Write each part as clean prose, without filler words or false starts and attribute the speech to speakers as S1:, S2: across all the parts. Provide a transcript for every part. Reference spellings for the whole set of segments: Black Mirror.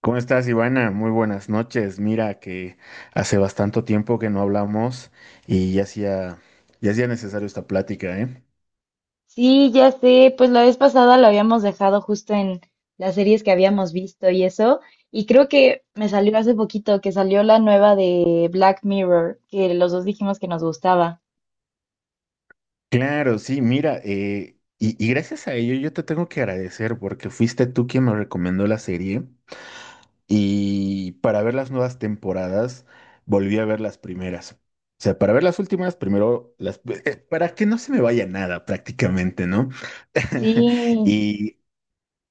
S1: ¿Cómo estás, Ivana? Muy buenas noches. Mira que hace bastante tiempo que no hablamos y ya hacía necesario esta plática, ¿eh?
S2: Sí, ya sé, pues la vez pasada lo habíamos dejado justo en las series que habíamos visto y eso, y creo que me salió hace poquito que salió la nueva de Black Mirror, que los dos dijimos que nos gustaba.
S1: Claro, sí, mira, y gracias a ello yo te tengo que agradecer porque fuiste tú quien me recomendó la serie y para ver las nuevas temporadas volví a ver las primeras. O sea, para ver las últimas, para que no se me vaya nada prácticamente, ¿no?
S2: Sí.
S1: Y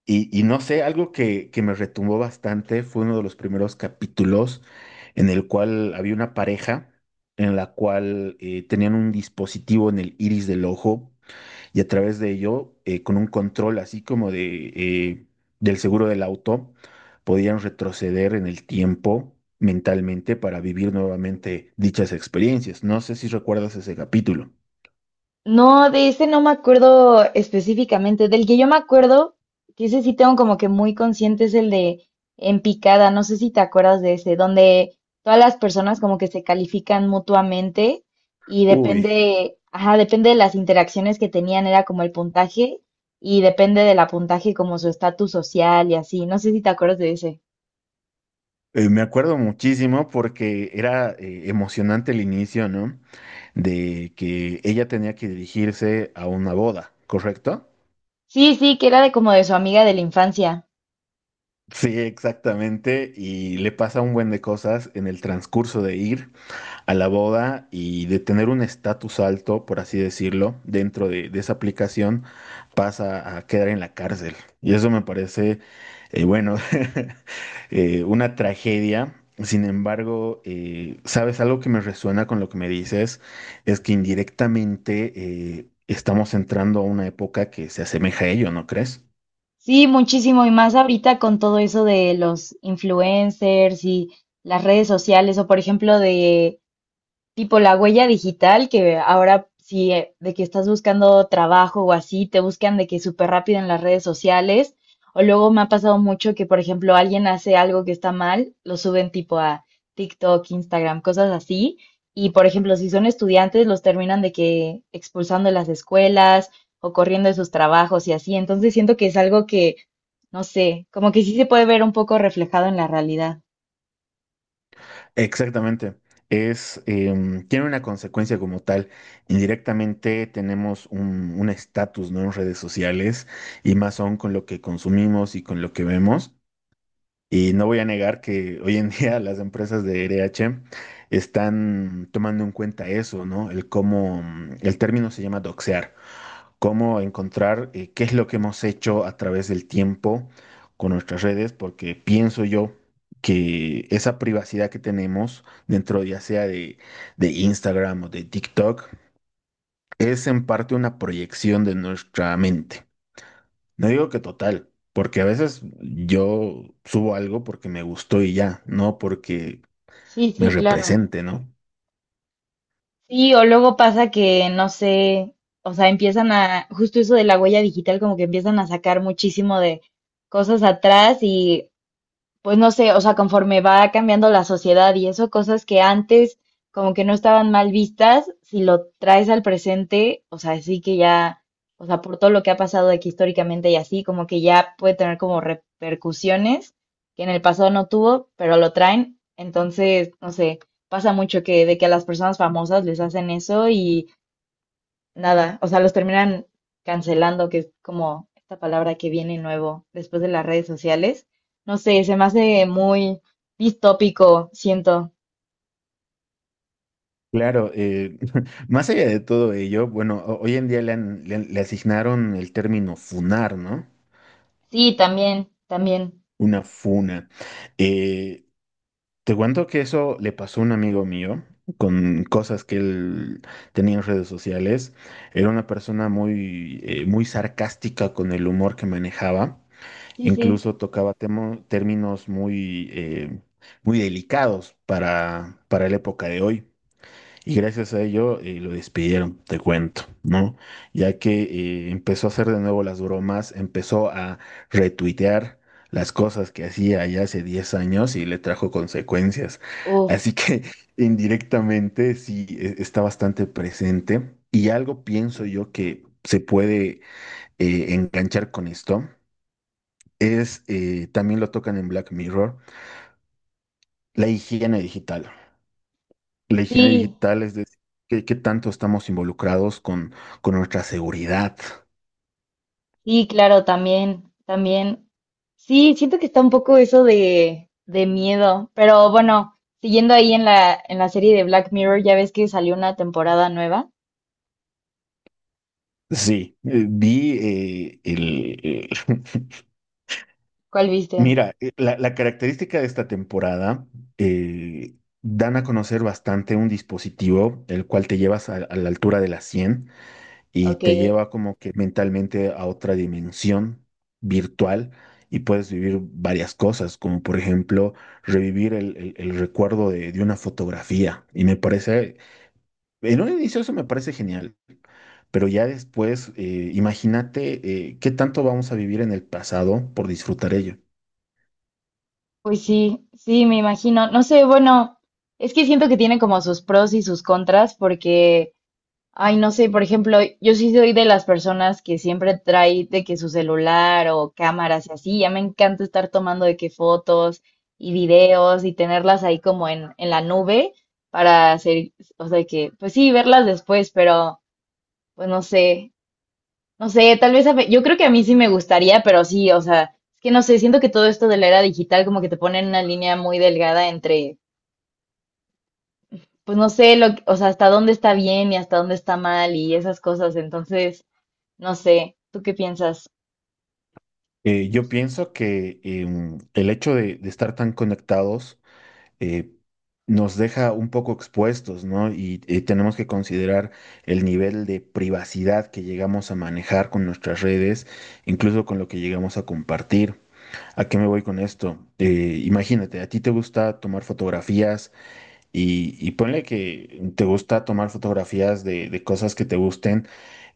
S1: y no sé, algo que me retumbó bastante fue uno de los primeros capítulos en el cual había una pareja en la cual tenían un dispositivo en el iris del ojo y a través de ello, con un control así como de, del seguro del auto, podían retroceder en el tiempo mentalmente para vivir nuevamente dichas experiencias. No sé si recuerdas ese capítulo.
S2: No, de ese no me acuerdo específicamente. Del que yo me acuerdo, que ese sí tengo como que muy consciente, es el de En Picada. No sé si te acuerdas de ese, donde todas las personas como que se califican mutuamente y
S1: Uy,
S2: depende, ajá, depende de las interacciones que tenían, era como el puntaje, y depende del puntaje como su estatus social y así. No sé si te acuerdas de ese.
S1: me acuerdo muchísimo porque era emocionante el inicio, ¿no? De que ella tenía que dirigirse a una boda, ¿correcto?
S2: Sí, sí, que era de como de su amiga de la infancia.
S1: Sí, exactamente, y le pasa un buen de cosas en el transcurso de ir a la boda y de tener un estatus alto, por así decirlo, dentro de esa aplicación, pasa a quedar en la cárcel. Y eso me parece, bueno, una tragedia. Sin embargo, sabes, algo que me resuena con lo que me dices es que indirectamente estamos entrando a una época que se asemeja a ello, ¿no crees?
S2: Sí, muchísimo y más ahorita con todo eso de los influencers y las redes sociales, o por ejemplo de tipo la huella digital, que ahora si de que estás buscando trabajo o así, te buscan de que súper rápido en las redes sociales. O luego me ha pasado mucho que, por ejemplo, alguien hace algo que está mal, lo suben tipo a TikTok, Instagram, cosas así. Y, por ejemplo, si son estudiantes, los terminan de que expulsando de las escuelas o corriendo de sus trabajos y así. Entonces siento que es algo que, no sé, como que sí se puede ver un poco reflejado en la realidad.
S1: Exactamente. Es, tiene una consecuencia como tal. Indirectamente tenemos un estatus, ¿no? En redes sociales y más aún con lo que consumimos y con lo que vemos. Y no voy a negar que hoy en día las empresas de RH están tomando en cuenta eso, ¿no? El cómo, el término se llama doxear, cómo encontrar qué es lo que hemos hecho a través del tiempo con nuestras redes, porque pienso yo que esa privacidad que tenemos dentro ya sea de Instagram o de TikTok es en parte una proyección de nuestra mente. No digo que total, porque a veces yo subo algo porque me gustó y ya, no porque
S2: Sí,
S1: me
S2: sí, claro.
S1: represente, ¿no?
S2: Sí, o luego pasa que, no sé, o sea, empiezan a, justo eso de la huella digital, como que empiezan a sacar muchísimo de cosas atrás, y pues no sé, o sea, conforme va cambiando la sociedad y eso, cosas que antes como que no estaban mal vistas, si lo traes al presente, o sea, sí que ya, o sea, por todo lo que ha pasado de que históricamente y así, como que ya puede tener como repercusiones que en el pasado no tuvo, pero lo traen, entonces, no sé, pasa mucho que de que a las personas famosas les hacen eso y nada, o sea, los terminan cancelando, que es como esta palabra que viene nuevo después de las redes sociales. No sé, se me hace muy distópico, siento.
S1: Claro, más allá de todo ello, bueno, hoy en día le asignaron el término funar, ¿no?
S2: Sí, también, también.
S1: Una funa. Eh, te cuento que eso le pasó a un amigo mío con cosas que él tenía en redes sociales. Era una persona muy, muy sarcástica con el humor que manejaba.
S2: Sí, sí.
S1: Incluso tocaba términos muy, muy delicados para la época de hoy. Y gracias a ello lo despidieron, te cuento, ¿no? Ya que empezó a hacer de nuevo las bromas, empezó a retuitear las cosas que hacía ya hace 10 años y le trajo consecuencias.
S2: Uf.
S1: Así que indirectamente está bastante presente. Y algo pienso yo que se puede enganchar con esto es, también lo tocan en Black Mirror, la higiene digital. La higiene
S2: Sí,
S1: digital es decir, qué tanto estamos involucrados con nuestra seguridad.
S2: sí, claro, también, también. Sí, siento que está un poco eso de miedo, pero bueno, siguiendo ahí en la serie de Black Mirror, ya ves que salió una temporada nueva.
S1: Sí, Vi
S2: ¿Cuál viste?
S1: mira, la característica de esta temporada, dan a conocer bastante un dispositivo, el cual te llevas a la altura de la 100 y
S2: Ok.
S1: te lleva como que mentalmente a otra dimensión virtual y puedes vivir varias cosas, como por ejemplo revivir el recuerdo de una fotografía. Y me parece, en un inicio eso me parece genial, pero ya después imagínate qué tanto vamos a vivir en el pasado por disfrutar ello.
S2: Pues sí, sí, me imagino. No sé, bueno, es que siento que tiene como sus pros y sus contras porque, ay, no sé, por ejemplo, yo sí soy de las personas que siempre trae de que su celular o cámaras y así, ya me encanta estar tomando de que fotos y videos y tenerlas ahí como en la nube para hacer, o sea, que, pues sí, verlas después, pero, pues no sé, no sé, tal vez a ve- yo creo que a mí sí me gustaría, pero sí, o sea, es que no sé, siento que todo esto de la era digital como que te pone en una línea muy delgada entre, pues no sé, lo, que- o sea, hasta dónde está bien y hasta dónde está mal y esas cosas, entonces, no sé, ¿tú qué piensas?
S1: Yo pienso que el hecho de estar tan conectados eh, nos deja un poco expuestos, ¿no? Y, tenemos que considerar el nivel de privacidad que llegamos a manejar con nuestras redes, incluso con lo que llegamos a compartir. ¿A qué me voy con esto? Imagínate, a ti te gusta tomar fotografías y ponle que te gusta tomar fotografías de cosas que te gusten,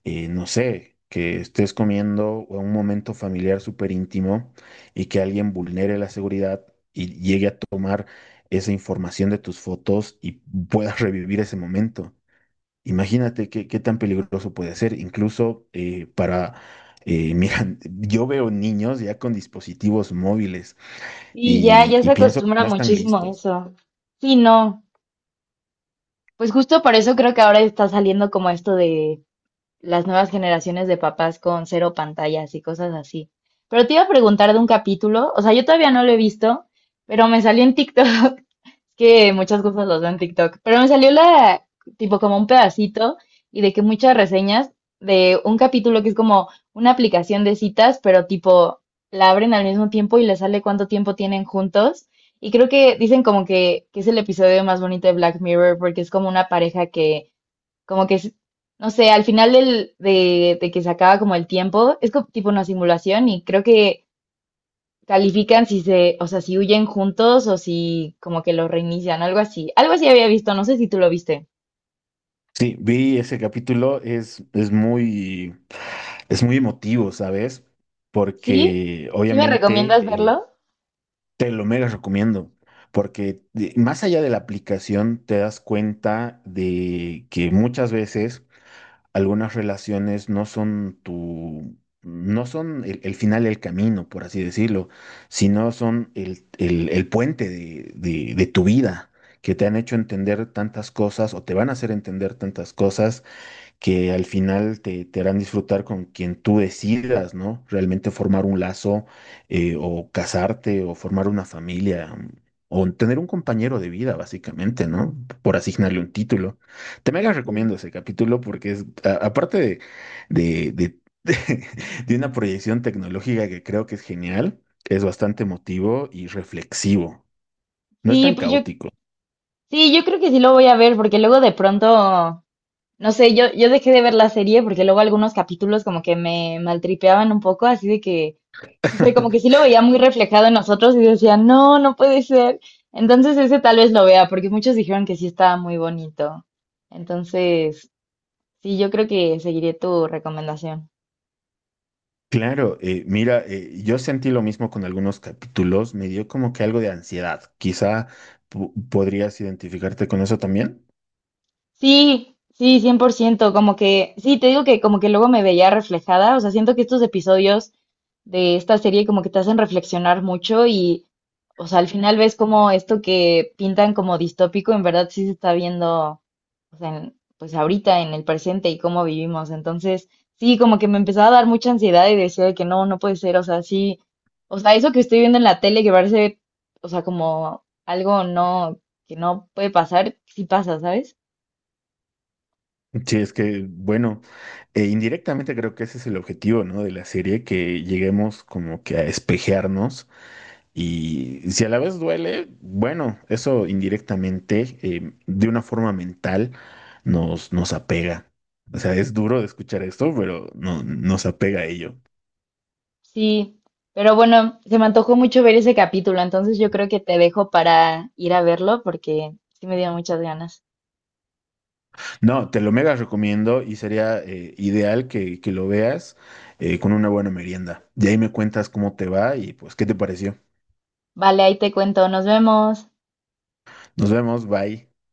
S1: no sé, que estés comiendo o un momento familiar súper íntimo y que alguien vulnere la seguridad y llegue a tomar esa información de tus fotos y puedas revivir ese momento. Imagínate qué tan peligroso puede ser, incluso para... mira, yo veo niños ya con dispositivos móviles
S2: Sí, ya, ya
S1: y
S2: se
S1: pienso que
S2: acostumbra
S1: no están
S2: muchísimo a
S1: listos.
S2: eso. Sí, no, pues justo por eso creo que ahora está saliendo como esto de las nuevas generaciones de papás con cero pantallas y cosas así. Pero te iba a preguntar de un capítulo, o sea, yo todavía no lo he visto, pero me salió en TikTok, que muchas cosas los veo en TikTok, pero me salió la, tipo como un pedacito y de que muchas reseñas de un capítulo que es como una aplicación de citas, pero tipo la abren al mismo tiempo y le sale cuánto tiempo tienen juntos. Y creo que dicen como que es el episodio más bonito de Black Mirror porque es como una pareja que como que, s- no sé, al final del, de que se acaba como el tiempo, es como tipo una simulación y creo que califican si se, o sea, si huyen juntos o si como que lo reinician, algo así. Algo así había visto, no sé si tú lo viste.
S1: Sí, vi ese capítulo, es muy emotivo, ¿sabes?
S2: ¿Sí?
S1: Porque
S2: ¿Sí me
S1: obviamente
S2: recomiendas verlo?
S1: te lo mega recomiendo, porque más allá de la aplicación te das cuenta de que muchas veces algunas relaciones no son tu, no son el final del camino, por así decirlo, sino son el puente de tu vida, que te han hecho entender tantas cosas o te van a hacer entender tantas cosas que al final te, te harán disfrutar con quien tú decidas, ¿no? Realmente formar un lazo o casarte o formar una familia o tener un compañero de vida, básicamente, ¿no? Por asignarle un título. Te mega
S2: Sí, sí.
S1: recomiendo ese capítulo porque es, aparte de, de, de, de una proyección tecnológica que creo que es genial, es bastante emotivo y reflexivo. No es
S2: Sí,
S1: tan
S2: pues yo,
S1: caótico.
S2: sí, yo creo que sí lo voy a ver porque luego de pronto... No sé, yo dejé de ver la serie porque luego algunos capítulos como que me maltripeaban un poco, así de que, no sé, como que sí lo veía muy reflejado en nosotros y decía, no, no puede ser. Entonces ese tal vez lo vea, porque muchos dijeron que sí estaba muy bonito. Entonces, sí, yo creo que seguiré tu recomendación.
S1: Claro, mira, yo sentí lo mismo con algunos capítulos, me dio como que algo de ansiedad. Quizá podrías identificarte con eso también.
S2: Sí, sí, 100%. Como que, sí, te digo que como que luego me veía reflejada, o sea, siento que estos episodios de esta serie como que te hacen reflexionar mucho y, o sea, al final ves como esto que pintan como distópico, en verdad sí se está viendo, o sea, en- pues ahorita en el presente y cómo vivimos. Entonces, sí, como que me empezaba a dar mucha ansiedad y decía de que no, no puede ser, o sea, sí, o sea, eso que estoy viendo en la tele que parece, o sea, como algo no, que no puede pasar, sí pasa, ¿sabes?
S1: Sí, es que, bueno, indirectamente creo que ese es el objetivo, ¿no? De la serie, que lleguemos como que a espejearnos y si a la vez duele, bueno, eso indirectamente, de una forma mental, nos, nos apega. O sea, es duro de escuchar esto, pero no, nos apega a ello.
S2: Sí, pero bueno, se me antojó mucho ver ese capítulo, entonces yo creo que te dejo para ir a verlo porque sí me dio muchas ganas.
S1: No, te lo mega recomiendo y sería ideal que lo veas con una buena merienda. De ahí me cuentas cómo te va y pues qué te pareció.
S2: Vale, ahí te cuento, nos vemos.
S1: Nos vemos, bye.